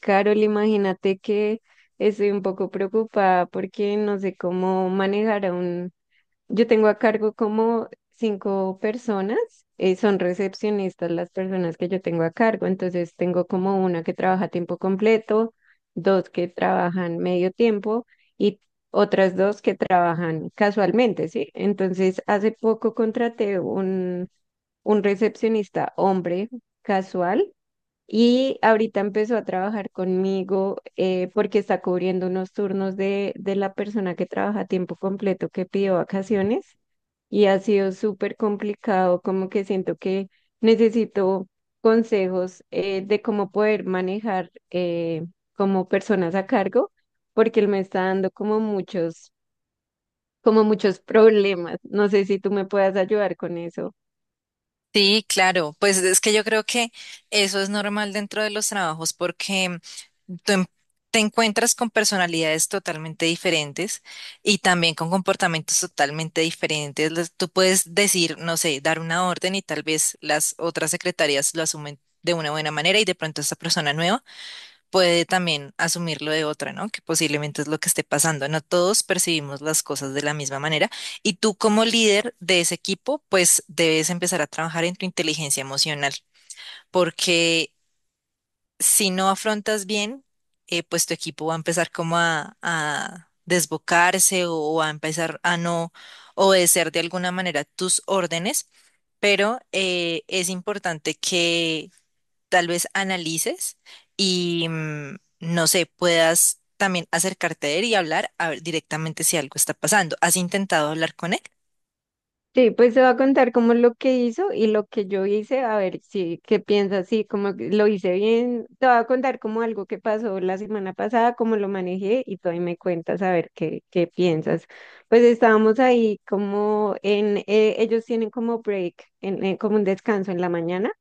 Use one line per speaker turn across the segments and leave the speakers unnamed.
Carol, imagínate que estoy un poco preocupada porque no sé cómo manejar. Yo tengo a cargo como cinco personas, son recepcionistas las personas que yo tengo a cargo. Entonces tengo como una que trabaja a tiempo completo, dos que trabajan medio tiempo y otras dos que trabajan casualmente, ¿sí? Entonces, hace poco contraté un recepcionista hombre casual y ahorita empezó a trabajar conmigo porque está cubriendo unos turnos de la persona que trabaja a tiempo completo que pidió vacaciones. Y ha sido súper complicado, como que siento que necesito consejos de cómo poder manejar como personas a cargo, porque él me está dando como muchos problemas. No sé si tú me puedas ayudar con eso.
Sí, claro, pues es que yo creo que eso es normal dentro de los trabajos porque tú en- te encuentras con personalidades totalmente diferentes y también con comportamientos totalmente diferentes. Tú puedes decir, no sé, dar una orden y tal vez las otras secretarias lo asumen de una buena manera y de pronto esta persona nueva puede también asumirlo de otra, ¿no? Que posiblemente es lo que esté pasando. No todos percibimos las cosas de la misma manera y tú como líder de ese equipo, pues debes empezar a trabajar en tu inteligencia emocional, porque si no afrontas bien, pues tu equipo va a empezar como a desbocarse o a empezar a no obedecer de alguna manera tus órdenes, pero es importante que tal vez analices y no sé, puedas también acercarte a él y hablar a ver directamente si algo está pasando. ¿Has intentado hablar con él?
Sí, pues se va a contar como lo que hizo y lo que yo hice, a ver si qué piensas, sí, como que lo hice bien, te va a contar como algo que pasó la semana pasada, cómo lo manejé y tú ahí me cuentas a ver qué piensas. Pues estábamos ahí como en, ellos tienen como break, como un descanso en la mañana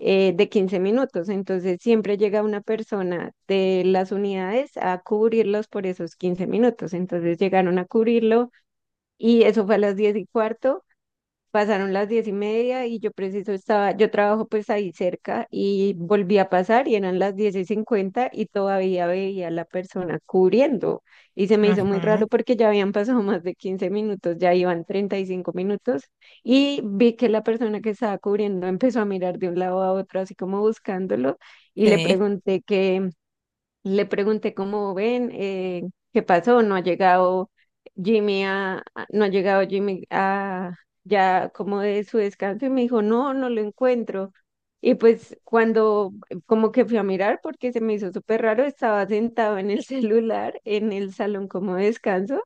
de 15 minutos. Entonces siempre llega una persona de las unidades a cubrirlos por esos 15 minutos, entonces llegaron a cubrirlo. Y eso fue a las 10:15. Pasaron las 10:30 y yo preciso estaba, yo trabajo pues ahí cerca y volví a pasar y eran las 10:50 y todavía veía a la persona cubriendo, y se me hizo muy raro
Ujú,
porque ya habían pasado más de 15 minutos, ya iban 35 minutos. Y vi que la persona que estaba cubriendo empezó a mirar de un lado a otro así como buscándolo, y le
sí,
pregunté que, le pregunté cómo ven, qué pasó, no ha llegado Jimmy a- no ha llegado Jimmy a ya como de su descanso. Y me dijo, no, no lo encuentro. Y pues cuando como que fui a mirar porque se me hizo súper raro, estaba sentado en el celular en el salón como de descanso.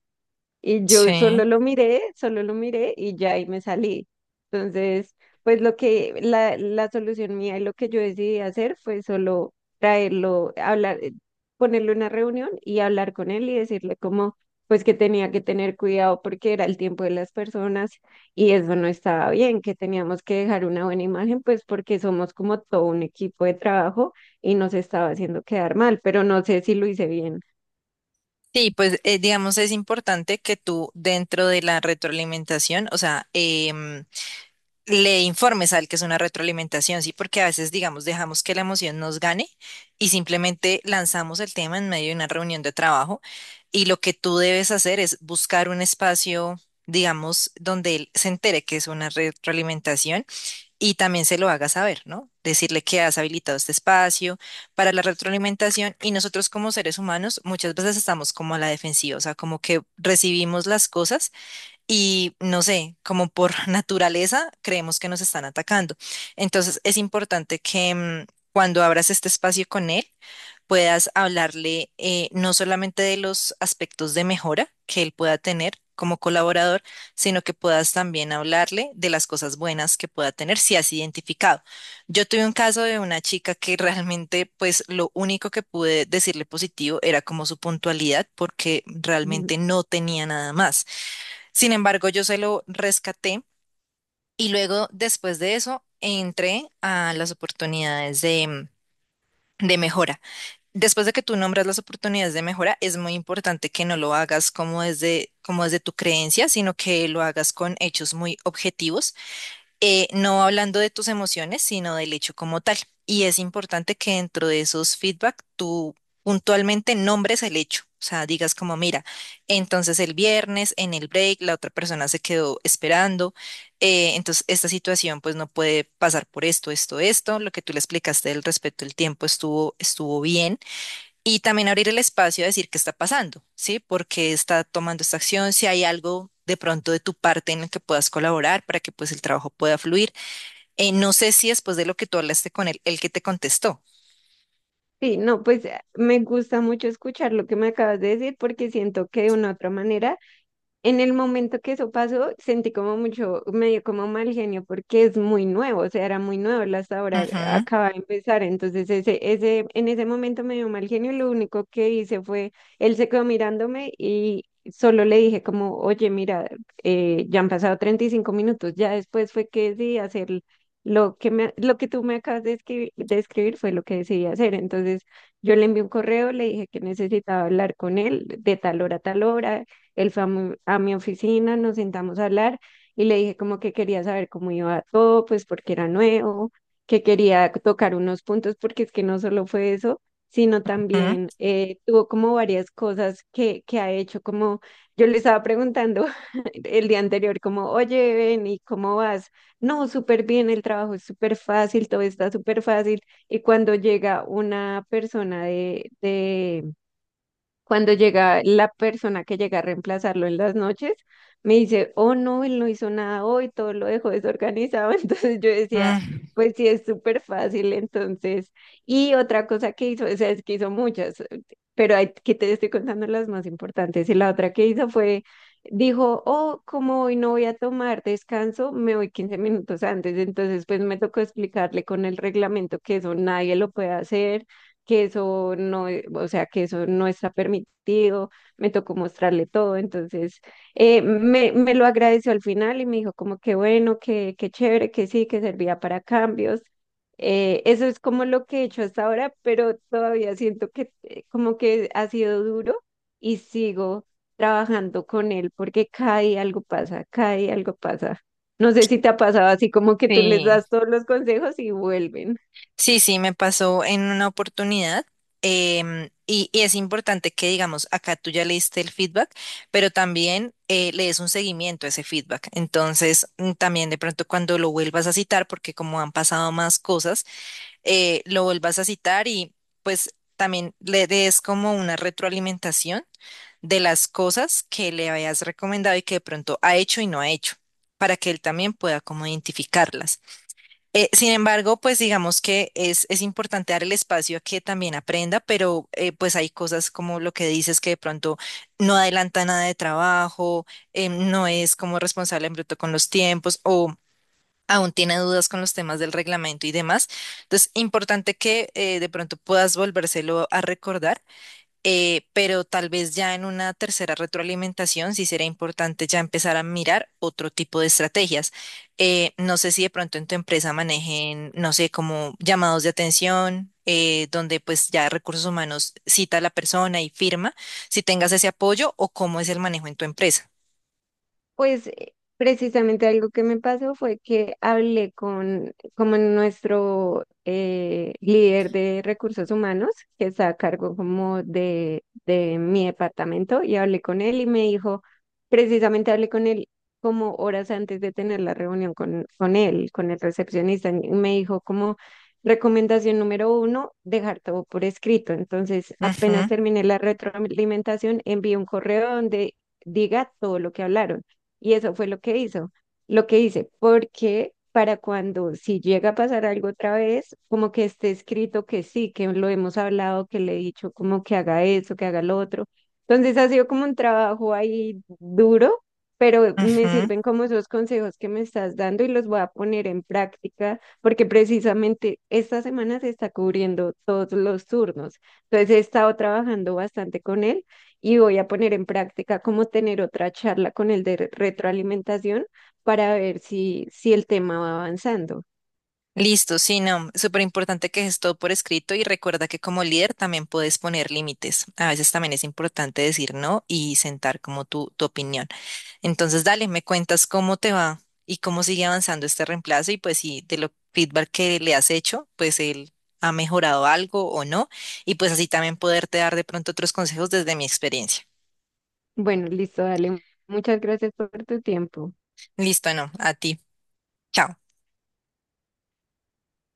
Y yo
sí.
solo lo miré y ya ahí me salí. Entonces, pues lo que la solución mía y lo que yo decidí hacer fue solo traerlo, hablar, ponerle una reunión y hablar con él y decirle como, pues que tenía que tener cuidado porque era el tiempo de las personas y eso no estaba bien, que teníamos que dejar una buena imagen, pues porque somos como todo un equipo de trabajo y nos estaba haciendo quedar mal, pero no sé si lo hice bien.
Sí, pues digamos es importante que tú dentro de la retroalimentación, o sea, le informes al que es una retroalimentación, sí, porque a veces, digamos, dejamos que la emoción nos gane y simplemente lanzamos el tema en medio de una reunión de trabajo y lo que tú debes hacer es buscar un espacio, digamos, donde él se entere que es una retroalimentación y también se lo haga saber, ¿no? Decirle que has habilitado este espacio para la retroalimentación y nosotros como seres humanos muchas veces estamos como a la defensiva, o sea, como que recibimos las cosas y no sé, como por naturaleza creemos que nos están atacando. Entonces es importante que cuando abras este espacio con él puedas hablarle no solamente de los aspectos de mejora que él pueda tener como colaborador, sino que puedas también hablarle de las cosas buenas que pueda tener si has identificado. Yo tuve un caso de una chica que realmente, pues lo único que pude decirle positivo era como su puntualidad, porque realmente no tenía nada más. Sin embargo, yo se lo rescaté y luego después de eso entré a las oportunidades de mejora. Después de que tú nombras las oportunidades de mejora, es muy importante que no lo hagas como desde tu creencia, sino que lo hagas con hechos muy objetivos, no hablando de tus emociones, sino del hecho como tal. Y es importante que dentro de esos feedback tú puntualmente nombres el hecho. O sea, digas como, mira, entonces el viernes en el break la otra persona se quedó esperando, entonces esta situación pues no puede pasar por esto, esto, esto, lo que tú le explicaste del respecto del tiempo estuvo bien, y también abrir el espacio a decir qué está pasando, ¿sí? Por qué está tomando esta acción, si hay algo de pronto de tu parte en el que puedas colaborar para que pues el trabajo pueda fluir. No sé si después de lo que tú hablaste con él, el que te contestó.
Sí, no, pues me gusta mucho escuchar lo que me acabas de decir porque siento que de una u otra manera en el momento que eso pasó, sentí como mucho, medio como mal genio, porque es muy nuevo, o sea, era muy nuevo, la hasta ahora
Ujú,
acaba de empezar, entonces en ese momento me dio mal genio, y lo único que hice fue, él se quedó mirándome y solo le dije como, oye, mira, ya han pasado 35 minutos. Ya después fue que decidí hacer lo que tú me acabas de escribir, fue lo que decidí hacer. Entonces yo le envié un correo, le dije que necesitaba hablar con él de tal hora a tal hora. Él fue a mi oficina, nos sentamos a hablar y le dije como que quería saber cómo iba todo, pues porque era nuevo, que quería tocar unos puntos, porque es que no solo fue eso, sino
ujú,
también tuvo como varias cosas que ha hecho, como yo le estaba preguntando el día anterior, como, oye, ven, ¿y cómo vas? No, súper bien, el trabajo es súper fácil, todo está súper fácil. Y cuando llega una persona de cuando llega la persona que llega a reemplazarlo en las noches, me dice, oh no, él no hizo nada hoy, todo lo dejó desorganizado. Entonces yo decía,
mm,
pues sí, es súper fácil. Entonces, y otra cosa que hizo, o sea, es que hizo muchas, pero hay, que te estoy contando las más importantes. Y la otra que hizo fue, dijo, oh, como hoy no voy a tomar descanso, me voy 15 minutos antes. Entonces, pues me tocó explicarle con el reglamento que eso nadie lo puede hacer, que eso no, o sea, que eso no está permitido, me tocó mostrarle todo. Entonces me lo agradeció al final y me dijo como que bueno, que chévere, que sí, que servía para cambios. Eso es como lo que he hecho hasta ahora, pero todavía siento que como que ha sido duro y sigo trabajando con él porque cada día algo pasa, cada día algo pasa. No sé si te ha pasado así como que tú les
sí,
das todos los consejos y vuelven.
sí, me pasó en una oportunidad. Y es importante que, digamos, acá tú ya leíste el feedback, pero también le des un seguimiento a ese feedback. Entonces, también de pronto cuando lo vuelvas a citar, porque como han pasado más cosas, lo vuelvas a citar y pues también le des como una retroalimentación de las cosas que le hayas recomendado y que de pronto ha hecho y no ha hecho, para que él también pueda como identificarlas. Sin embargo, pues digamos que es importante dar el espacio a que también aprenda, pero pues hay cosas como lo que dices que de pronto no adelanta nada de trabajo, no es como responsable en bruto con los tiempos o aún tiene dudas con los temas del reglamento y demás. Entonces, importante que de pronto puedas volvérselo a recordar, pero tal vez ya en una tercera retroalimentación sí será importante ya empezar a mirar otro tipo de estrategias. No sé si de pronto en tu empresa manejen, no sé, como llamados de atención. Donde pues ya recursos humanos cita a la persona y firma, si tengas ese apoyo o cómo es el manejo en tu empresa.
Pues precisamente algo que me pasó fue que hablé con como nuestro líder de recursos humanos, que está a cargo como de mi departamento, y hablé con él y me dijo, precisamente hablé con él como horas antes de tener la reunión con él, con el recepcionista, y me dijo como recomendación número uno, dejar todo por escrito. Entonces, apenas
Ujú,
terminé la retroalimentación, envié un correo donde diga todo lo que hablaron y eso fue lo que hizo, lo que hice, porque para cuando si llega a pasar algo otra vez, como que esté escrito que sí, que lo hemos hablado, que le he dicho como que haga eso, que haga lo otro. Entonces ha sido como un trabajo ahí duro, pero me
ujú.
sirven como esos consejos que me estás dando y los voy a poner en práctica, porque precisamente esta semana se está cubriendo todos los turnos. Entonces he estado trabajando bastante con él y voy a poner en práctica como tener otra charla con el de retroalimentación para ver si el tema va avanzando.
Listo, sí, no, súper importante que es todo por escrito y recuerda que como líder también puedes poner límites. A veces también es importante decir no y sentar como tu opinión. Entonces, dale, me cuentas cómo te va y cómo sigue avanzando este reemplazo y pues si de lo feedback que le has hecho, pues él ha mejorado algo o no y pues así también poderte dar de pronto otros consejos desde mi experiencia.
Bueno, listo, dale. Muchas gracias por tu tiempo.
Listo, no, a ti. Chao.